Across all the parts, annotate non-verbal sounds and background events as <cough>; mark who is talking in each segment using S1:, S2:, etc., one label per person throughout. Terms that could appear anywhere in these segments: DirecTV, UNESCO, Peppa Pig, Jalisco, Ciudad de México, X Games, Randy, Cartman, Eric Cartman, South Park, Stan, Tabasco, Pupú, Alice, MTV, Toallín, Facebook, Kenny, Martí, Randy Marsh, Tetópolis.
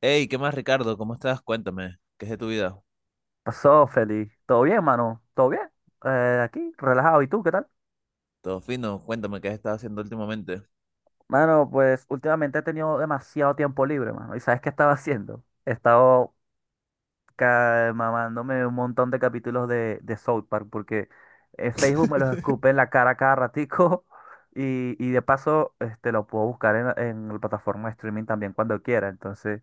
S1: Hey, ¿qué más, Ricardo? ¿Cómo estás? Cuéntame, ¿qué es de tu vida?
S2: Pasó, Feli. ¿Todo bien, mano? ¿Todo bien? Aquí, relajado. ¿Y tú, qué tal?
S1: Todo fino, cuéntame, ¿qué has estado haciendo últimamente?
S2: Mano, pues últimamente he tenido demasiado tiempo libre, mano. ¿Y sabes qué estaba <laughs> haciendo? He estado mamándome un montón de capítulos de South Park porque en Facebook me los
S1: <laughs>
S2: escupe en la cara cada ratico <laughs> y de paso este, lo puedo buscar en la plataforma de streaming también cuando quiera. Entonces,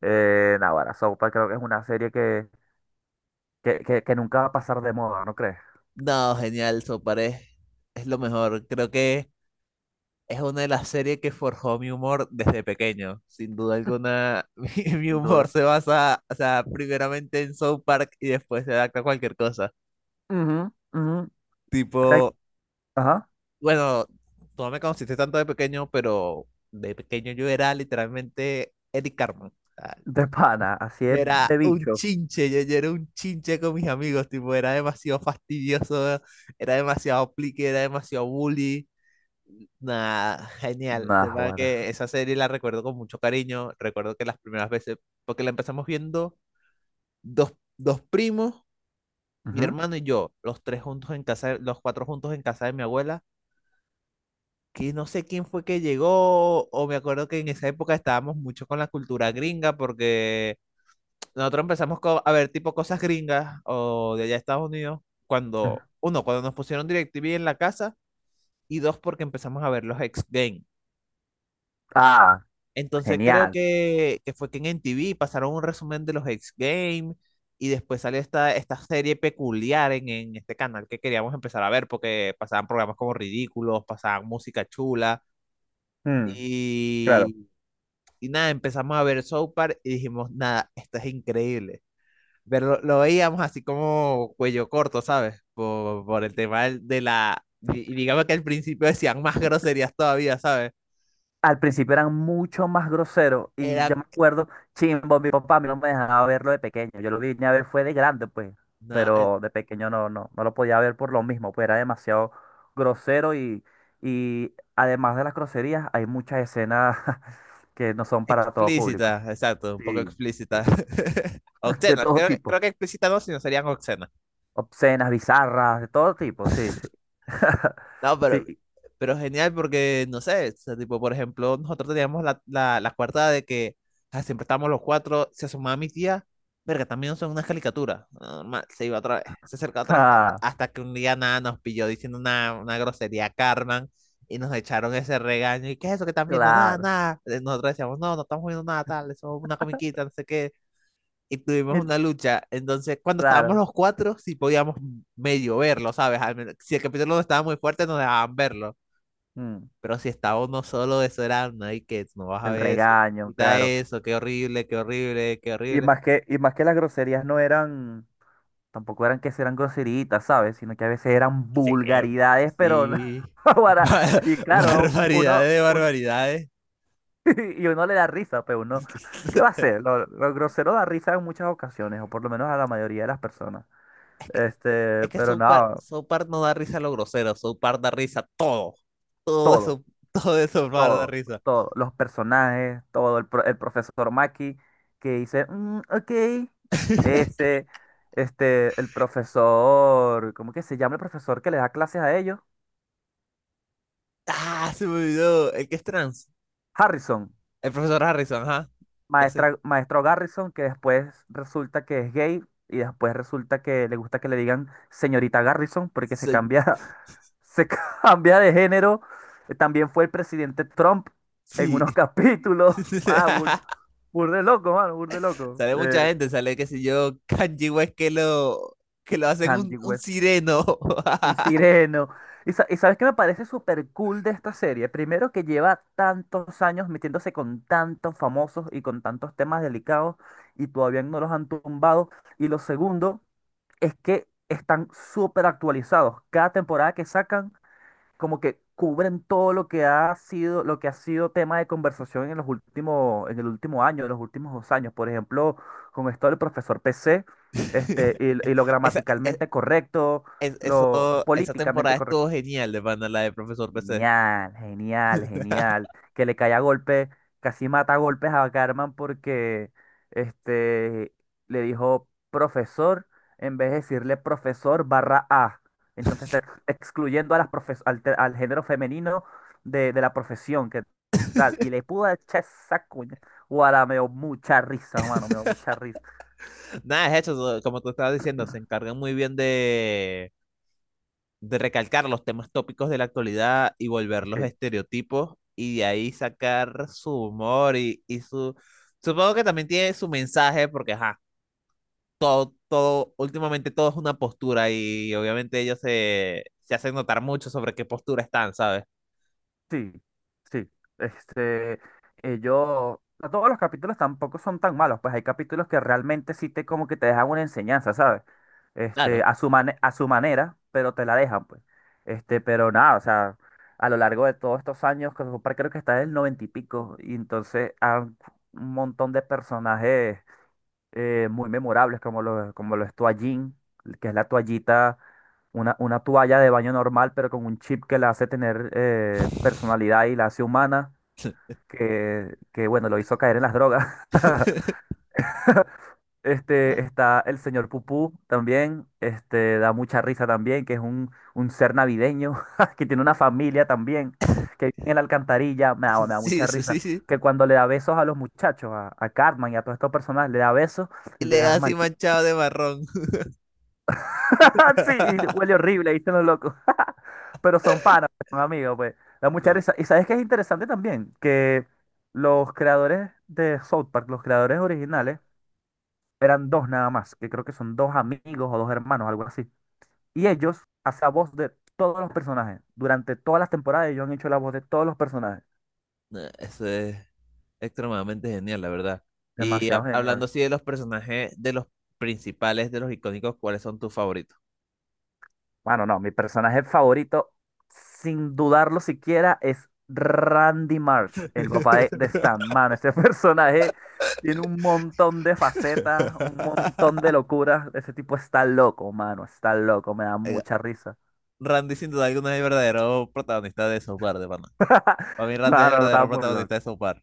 S2: nada, ahora South Park creo que es una serie que nunca va a pasar de moda, ¿no crees?
S1: No, genial, Soparé. Es lo mejor. Creo que es una de las series que forjó mi humor desde pequeño. Sin duda alguna, <laughs> mi
S2: Sin
S1: humor
S2: duda.
S1: se basa, o sea, primeramente en South Park y después se adapta a cualquier cosa.
S2: Ujú, ujú. ¿Sabes?
S1: Tipo,
S2: Ajá.
S1: bueno, tú no me conociste tanto de pequeño, pero de pequeño yo era literalmente Eric Cartman.
S2: De pana, así
S1: Yo
S2: es
S1: era
S2: de
S1: un
S2: bicho.
S1: chinche, yo era un chinche con mis amigos, tipo, era demasiado fastidioso, era demasiado plique, era demasiado bully. Nada, genial.
S2: Nah,
S1: De verdad
S2: guara.
S1: que esa serie la recuerdo con mucho cariño. Recuerdo que las primeras veces, porque la empezamos viendo dos, dos primos, mi
S2: Ujú,
S1: hermano y yo, los tres juntos en casa, los cuatro juntos en casa de mi abuela, que no sé quién fue que llegó, o me acuerdo que en esa época estábamos mucho con la cultura gringa, porque nosotros empezamos con a ver tipo cosas gringas o de allá de Estados Unidos
S2: ujú.
S1: cuando, uno, cuando nos pusieron DirecTV en la casa y dos, porque empezamos a ver los X Games.
S2: Ah,
S1: Entonces creo
S2: genial.
S1: que fue que en MTV pasaron un resumen de los X Games y después salió esta serie peculiar en este canal que queríamos empezar a ver porque pasaban programas como ridículos, pasaban música chula
S2: Mm, claro.
S1: y, y nada, empezamos a ver South Park y dijimos, nada, esto es increíble. Pero lo veíamos así como cuello corto, ¿sabes? Por el tema de la... Y digamos que al principio decían más groserías todavía, ¿sabes?
S2: Al principio eran mucho más groseros y yo
S1: Eran
S2: me acuerdo, chimbo, mi papá a mí no me dejaba verlo de pequeño. Yo lo vine a ver fue de grande, pues,
S1: no,
S2: pero de pequeño no lo podía ver por lo mismo, pues era demasiado grosero y además de las groserías, hay muchas escenas <laughs> que no son para todo público.
S1: explícitas, exacto, un poco
S2: Sí,
S1: explícitas.
S2: sí.
S1: <laughs>
S2: <laughs> De
S1: Obscenas,
S2: todo
S1: creo,
S2: tipo.
S1: creo que explícitas no, sino serían obscenas.
S2: Obscenas, bizarras, de todo tipo, sí, sí. <laughs>
S1: No, pero,
S2: Sí.
S1: Pero genial porque, no sé, o sea, tipo, por ejemplo, nosotros teníamos la, la cuarta de que ah, siempre estábamos los cuatro, se asomaba mi tía, verga, también son unas caricaturas, normal, se iba otra vez, se acercaba otra vez,
S2: Ah,
S1: hasta que un día nada nos pilló diciendo una grosería a Carmen y nos echaron ese regaño, y qué es eso que están viendo, nada,
S2: claro.
S1: nada, eh, nosotros decíamos, no, no estamos viendo nada, tal, eso es una comiquita, no sé qué, y tuvimos
S2: Y-
S1: una lucha, entonces cuando estábamos
S2: Claro.
S1: los cuatro, sí podíamos medio verlo, ¿sabes? Al menos, si el capítulo no estaba muy fuerte, nos dejaban verlo.
S2: Mm,
S1: Pero si estaba uno solo, eso era, no hay que, no vas a
S2: el
S1: ver eso,
S2: regaño,
S1: quita
S2: claro.
S1: eso, qué horrible, qué horrible, qué horrible.
S2: Y más que las groserías no eran, tampoco eran que eran groseritas, ¿sabes? Sino que a veces eran
S1: Sí,
S2: vulgaridades, pero
S1: sí.
S2: <laughs>
S1: Bar-
S2: y
S1: <laughs>
S2: claro,
S1: Barbaridades
S2: uno,
S1: de barbaridades.
S2: <laughs> y uno le da risa, pero uno, ¿qué va a
S1: <laughs>
S2: hacer? Lo grosero da risa en muchas ocasiones, o por lo menos a la mayoría de las personas.
S1: Es que,
S2: Este,
S1: es que
S2: pero
S1: South Park,
S2: no,
S1: South Park no da risa a lo grosero, South Park da risa a todo. Todo
S2: todo.
S1: eso, <laughs> todo eso Park da
S2: Todo,
S1: risa.
S2: todo, los personajes, todo, el, el profesor Maki que dice, "Mm, ok,
S1: <laughs>
S2: ese, este, el profesor, ¿cómo que se llama el profesor que le da clases a ellos?
S1: Ah, se me olvidó. El que es trans.
S2: Harrison,
S1: El profesor Harrison, ajá. La se-
S2: maestra, maestro Garrison, que después resulta que es gay y después resulta que le gusta que le digan señorita Garrison porque se
S1: se-
S2: cambia, <laughs> se cambia de género. También fue el presidente Trump en
S1: sí.
S2: unos capítulos. <laughs> Ah,
S1: <laughs>
S2: burde loco, mano, burde loco.
S1: Sale mucha gente, sale, qué sé yo, <laughs> Kanji West que lo hacen
S2: Kanye
S1: un
S2: West,
S1: sireno.
S2: un sireno. Y, y sabes qué me parece súper cool de esta serie. Primero que lleva tantos años metiéndose con tantos famosos y con tantos temas delicados y todavía no los han tumbado. Y lo segundo es que están súper actualizados. Cada temporada que sacan como que cubren todo lo que ha sido, lo que ha sido tema de conversación en los últimos, en el último año, en los últimos dos años. Por ejemplo, con esto del profesor PC, este,
S1: <laughs>
S2: y lo
S1: Esa,
S2: gramaticalmente correcto,
S1: eso,
S2: lo
S1: esa
S2: políticamente
S1: temporada
S2: correcto.
S1: estuvo genial de pana, la de Profesor PC.
S2: Genial, genial, genial.
S1: <laughs>
S2: Que le caía a golpe, casi mata a golpes a Carmen porque este, le dijo profesor en vez de decirle profesor barra A. Entonces está excluyendo a las al, al género femenino de la profesión. ¿Qué tal? Y le pudo echar esa cuña. Guara, me dio mucha risa, mano, me dio mucha risa.
S1: Nada, es eso, como tú estabas diciendo, se encargan muy bien de recalcar los temas tópicos de la actualidad y
S2: Sí.
S1: volverlos estereotipos y de ahí sacar su humor y su... Supongo que también tiene su mensaje porque, ajá, todo, últimamente todo es una postura y obviamente ellos se, se hacen notar mucho sobre qué postura están, ¿sabes?
S2: Sí, sí. Este, ellos, no todos los capítulos tampoco son tan malos, pues hay capítulos que realmente sí te como que te dejan una enseñanza, ¿sabes? Este,
S1: Claro.
S2: a su a su manera, pero te la dejan, pues. Este, pero nada, o sea, a lo largo de todos estos años, que South creo que está en el noventa y pico, y entonces hay un montón de personajes muy memorables como lo es Toallín, que es la toallita, una toalla de baño normal, pero con un chip que la hace tener personalidad y la hace humana, que bueno, lo hizo caer en las drogas. <laughs> Este, está el señor Pupú también, este, da mucha risa también, que es un ser navideño, <laughs> que tiene una familia también, que vive en la alcantarilla,
S1: <laughs>
S2: me da mucha
S1: Sí, sí, sí,
S2: risa,
S1: sí.
S2: que cuando le da besos a los muchachos, a Cartman y a todos estos personajes, le da besos
S1: Y
S2: y le
S1: le da
S2: da
S1: así
S2: manchitas.
S1: manchado de marrón.
S2: <laughs> Sí, y
S1: <laughs>
S2: huele horrible, ahí están los locos. <laughs> Pero son panas, pues, son amigos, pues. Da mucha
S1: No,
S2: risa. Y sabes que es interesante también que los creadores de South Park, los creadores originales, eran dos nada más, que creo que son dos amigos o dos hermanos, algo así. Y ellos hacían voz de todos los personajes. Durante todas las temporadas ellos han hecho la voz de todos los personajes.
S1: no, eso es extremadamente genial, la verdad. Y
S2: Demasiado
S1: hablando
S2: genial.
S1: así de los personajes, de los principales, de los icónicos, ¿cuáles son tus favoritos?
S2: Bueno, no, mi personaje favorito, sin dudarlo siquiera, es Randy Marsh, el papá de
S1: <laughs>
S2: Stan. Mano, ese <laughs> personaje tiene un montón de facetas, un montón de locuras. Ese tipo está loco, mano, está loco, me da
S1: Oiga,
S2: mucha risa.
S1: Randy sin duda alguna es el verdadero protagonista de Software de mano.
S2: <laughs>
S1: Para mí Randy es el
S2: Mano, está
S1: verdadero
S2: muy loco.
S1: protagonista de South Park.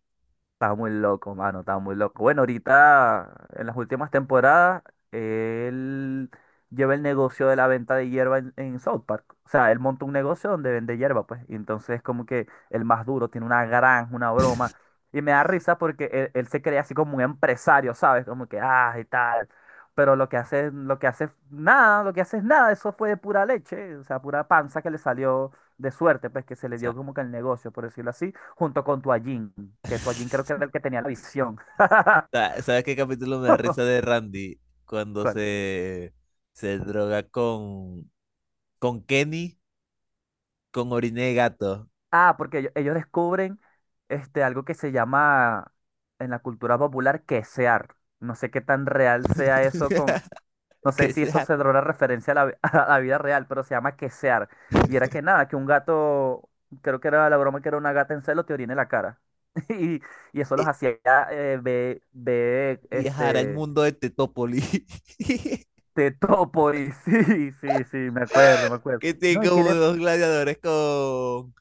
S2: Estaba muy loco, mano, estaba muy loco. Bueno, ahorita, en las últimas temporadas, él lleva el negocio de la venta de hierba en South Park. O sea, él monta un negocio donde vende hierba, pues. Y entonces, como que el más duro tiene una granja, una broma. Y me da risa porque él se cree así como un empresario, ¿sabes? Como que, ah, y tal. Pero lo que hace, es nada, lo que hace es nada. Eso fue de pura leche, o sea, pura panza que le salió de suerte, pues, que se le
S1: Sa-
S2: dio como que el negocio, por decirlo así junto con Toallín, que Toallín creo que
S1: <laughs>
S2: era el que tenía la visión. <laughs>
S1: ¿Sabes qué capítulo me da risa de Randy? Cuando
S2: ¿Cuál?
S1: se droga con Kenny, con orina de gato.
S2: Ah, porque ellos descubren este, algo que se llama en la cultura popular quesear. No sé qué tan real sea eso con... No
S1: <laughs>
S2: sé
S1: Que
S2: si eso
S1: sea,
S2: se dará una referencia a la, <laughs> a la vida real, pero se llama quesear. Y era que nada, que un gato, creo que era la broma que era una gata en celo, te orina en la cara. <laughs> Y, y eso los
S1: eh,
S2: hacía
S1: viajar al
S2: este,
S1: mundo de Tetópolis. <laughs>
S2: te topo y <laughs> sí, sí, sí, me acuerdo, me acuerdo.
S1: Que tiene
S2: No, y que
S1: como
S2: le...
S1: dos gladiadores con,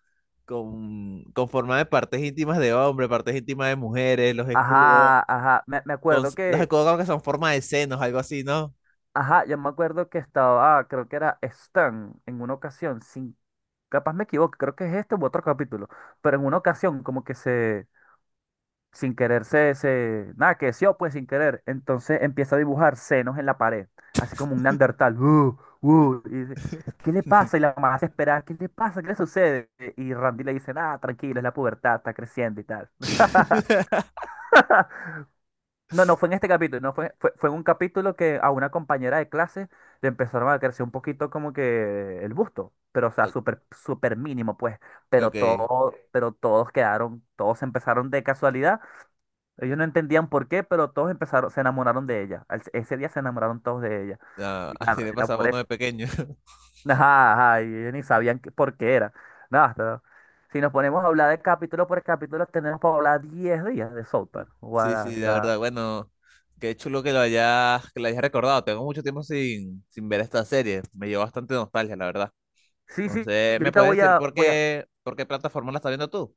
S1: con forma de partes íntimas de hombre, partes íntimas de mujeres, los escudos,
S2: Ajá, ajá, me
S1: con,
S2: acuerdo
S1: los
S2: que...
S1: escudos como que son forma de senos, algo así, ¿no?
S2: Ajá, yo me acuerdo que estaba, ah, creo que era Stan en una ocasión, sin... Capaz me equivoco, creo que es este u otro capítulo, pero en una ocasión como que se... Sin querer se... se nada, que sí, pues sin querer. Entonces empieza a dibujar senos en la pared, así como un neandertal. Y dice, ¿qué le pasa?
S1: <laughs>
S2: Y la mamá se espera, ¿qué le pasa? ¿Qué le sucede? Y Randy le dice, nada, tranquilo, es la pubertad, está creciendo y tal. <laughs> No, no fue en este capítulo, no fue, fue en un capítulo que a una compañera de clase le empezaron a crecer un poquito como que el busto, pero o sea,
S1: O-
S2: súper, súper mínimo, pues, pero
S1: Ok,
S2: todo, pero todos quedaron, todos empezaron de casualidad, ellos no entendían por qué, pero todos empezaron, se enamoraron de ella, ese día se enamoraron todos de ella,
S1: ah,
S2: y
S1: así
S2: claro,
S1: le
S2: era
S1: pasaba
S2: por
S1: a uno de
S2: eso,
S1: pequeño. <laughs>
S2: <laughs> ajá, ajá, y ellos ni sabían por qué era, nada, pero si nos ponemos a hablar de capítulo por capítulo, tenemos para hablar 10 días de South Park,
S1: Sí, sí, la
S2: Guarda.
S1: verdad, bueno, qué chulo que lo hayas recordado. Tengo mucho tiempo sin, sin ver esta serie, me llevó bastante nostalgia, la verdad.
S2: Sí, sí, yo
S1: Entonces, ¿me
S2: ahorita
S1: puedes
S2: voy
S1: decir
S2: a, voy a,
S1: por qué plataforma la estás viendo tú?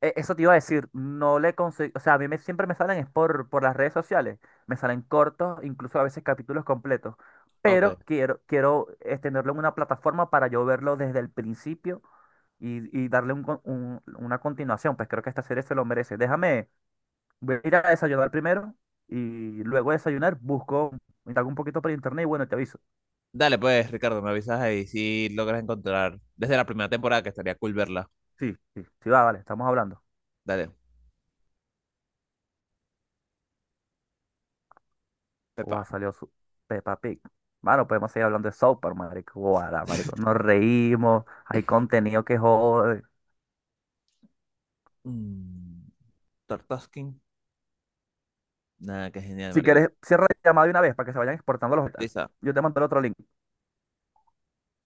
S2: eso te iba a decir, no le conseguí, o sea, a mí me, siempre me salen es por las redes sociales, me salen cortos, incluso a veces capítulos completos, pero
S1: Ok.
S2: quiero, quiero tenerlo en una plataforma para yo verlo desde el principio y darle un una continuación, pues creo que esta serie se lo merece. Déjame, voy a ir a desayunar primero y luego de desayunar busco, indago un poquito por internet y bueno, te aviso.
S1: Dale, pues, Ricardo, me avisas ahí si logras encontrar desde la primera temporada que estaría cool verla.
S2: Sí, sí, sí, va, vale, estamos hablando.
S1: Dale,
S2: Guau,
S1: Pepa.
S2: salió su Peppa Pig. Mano, podemos seguir hablando de South Park, marico. Guara, marico. Nos reímos, hay contenido que jode.
S1: Mm, Tartaskin. Nada, qué genial,
S2: Si
S1: marico.
S2: quieres, cierra la llamada de una vez para que se vayan exportando los...
S1: Lisa.
S2: Yo te mando el otro link.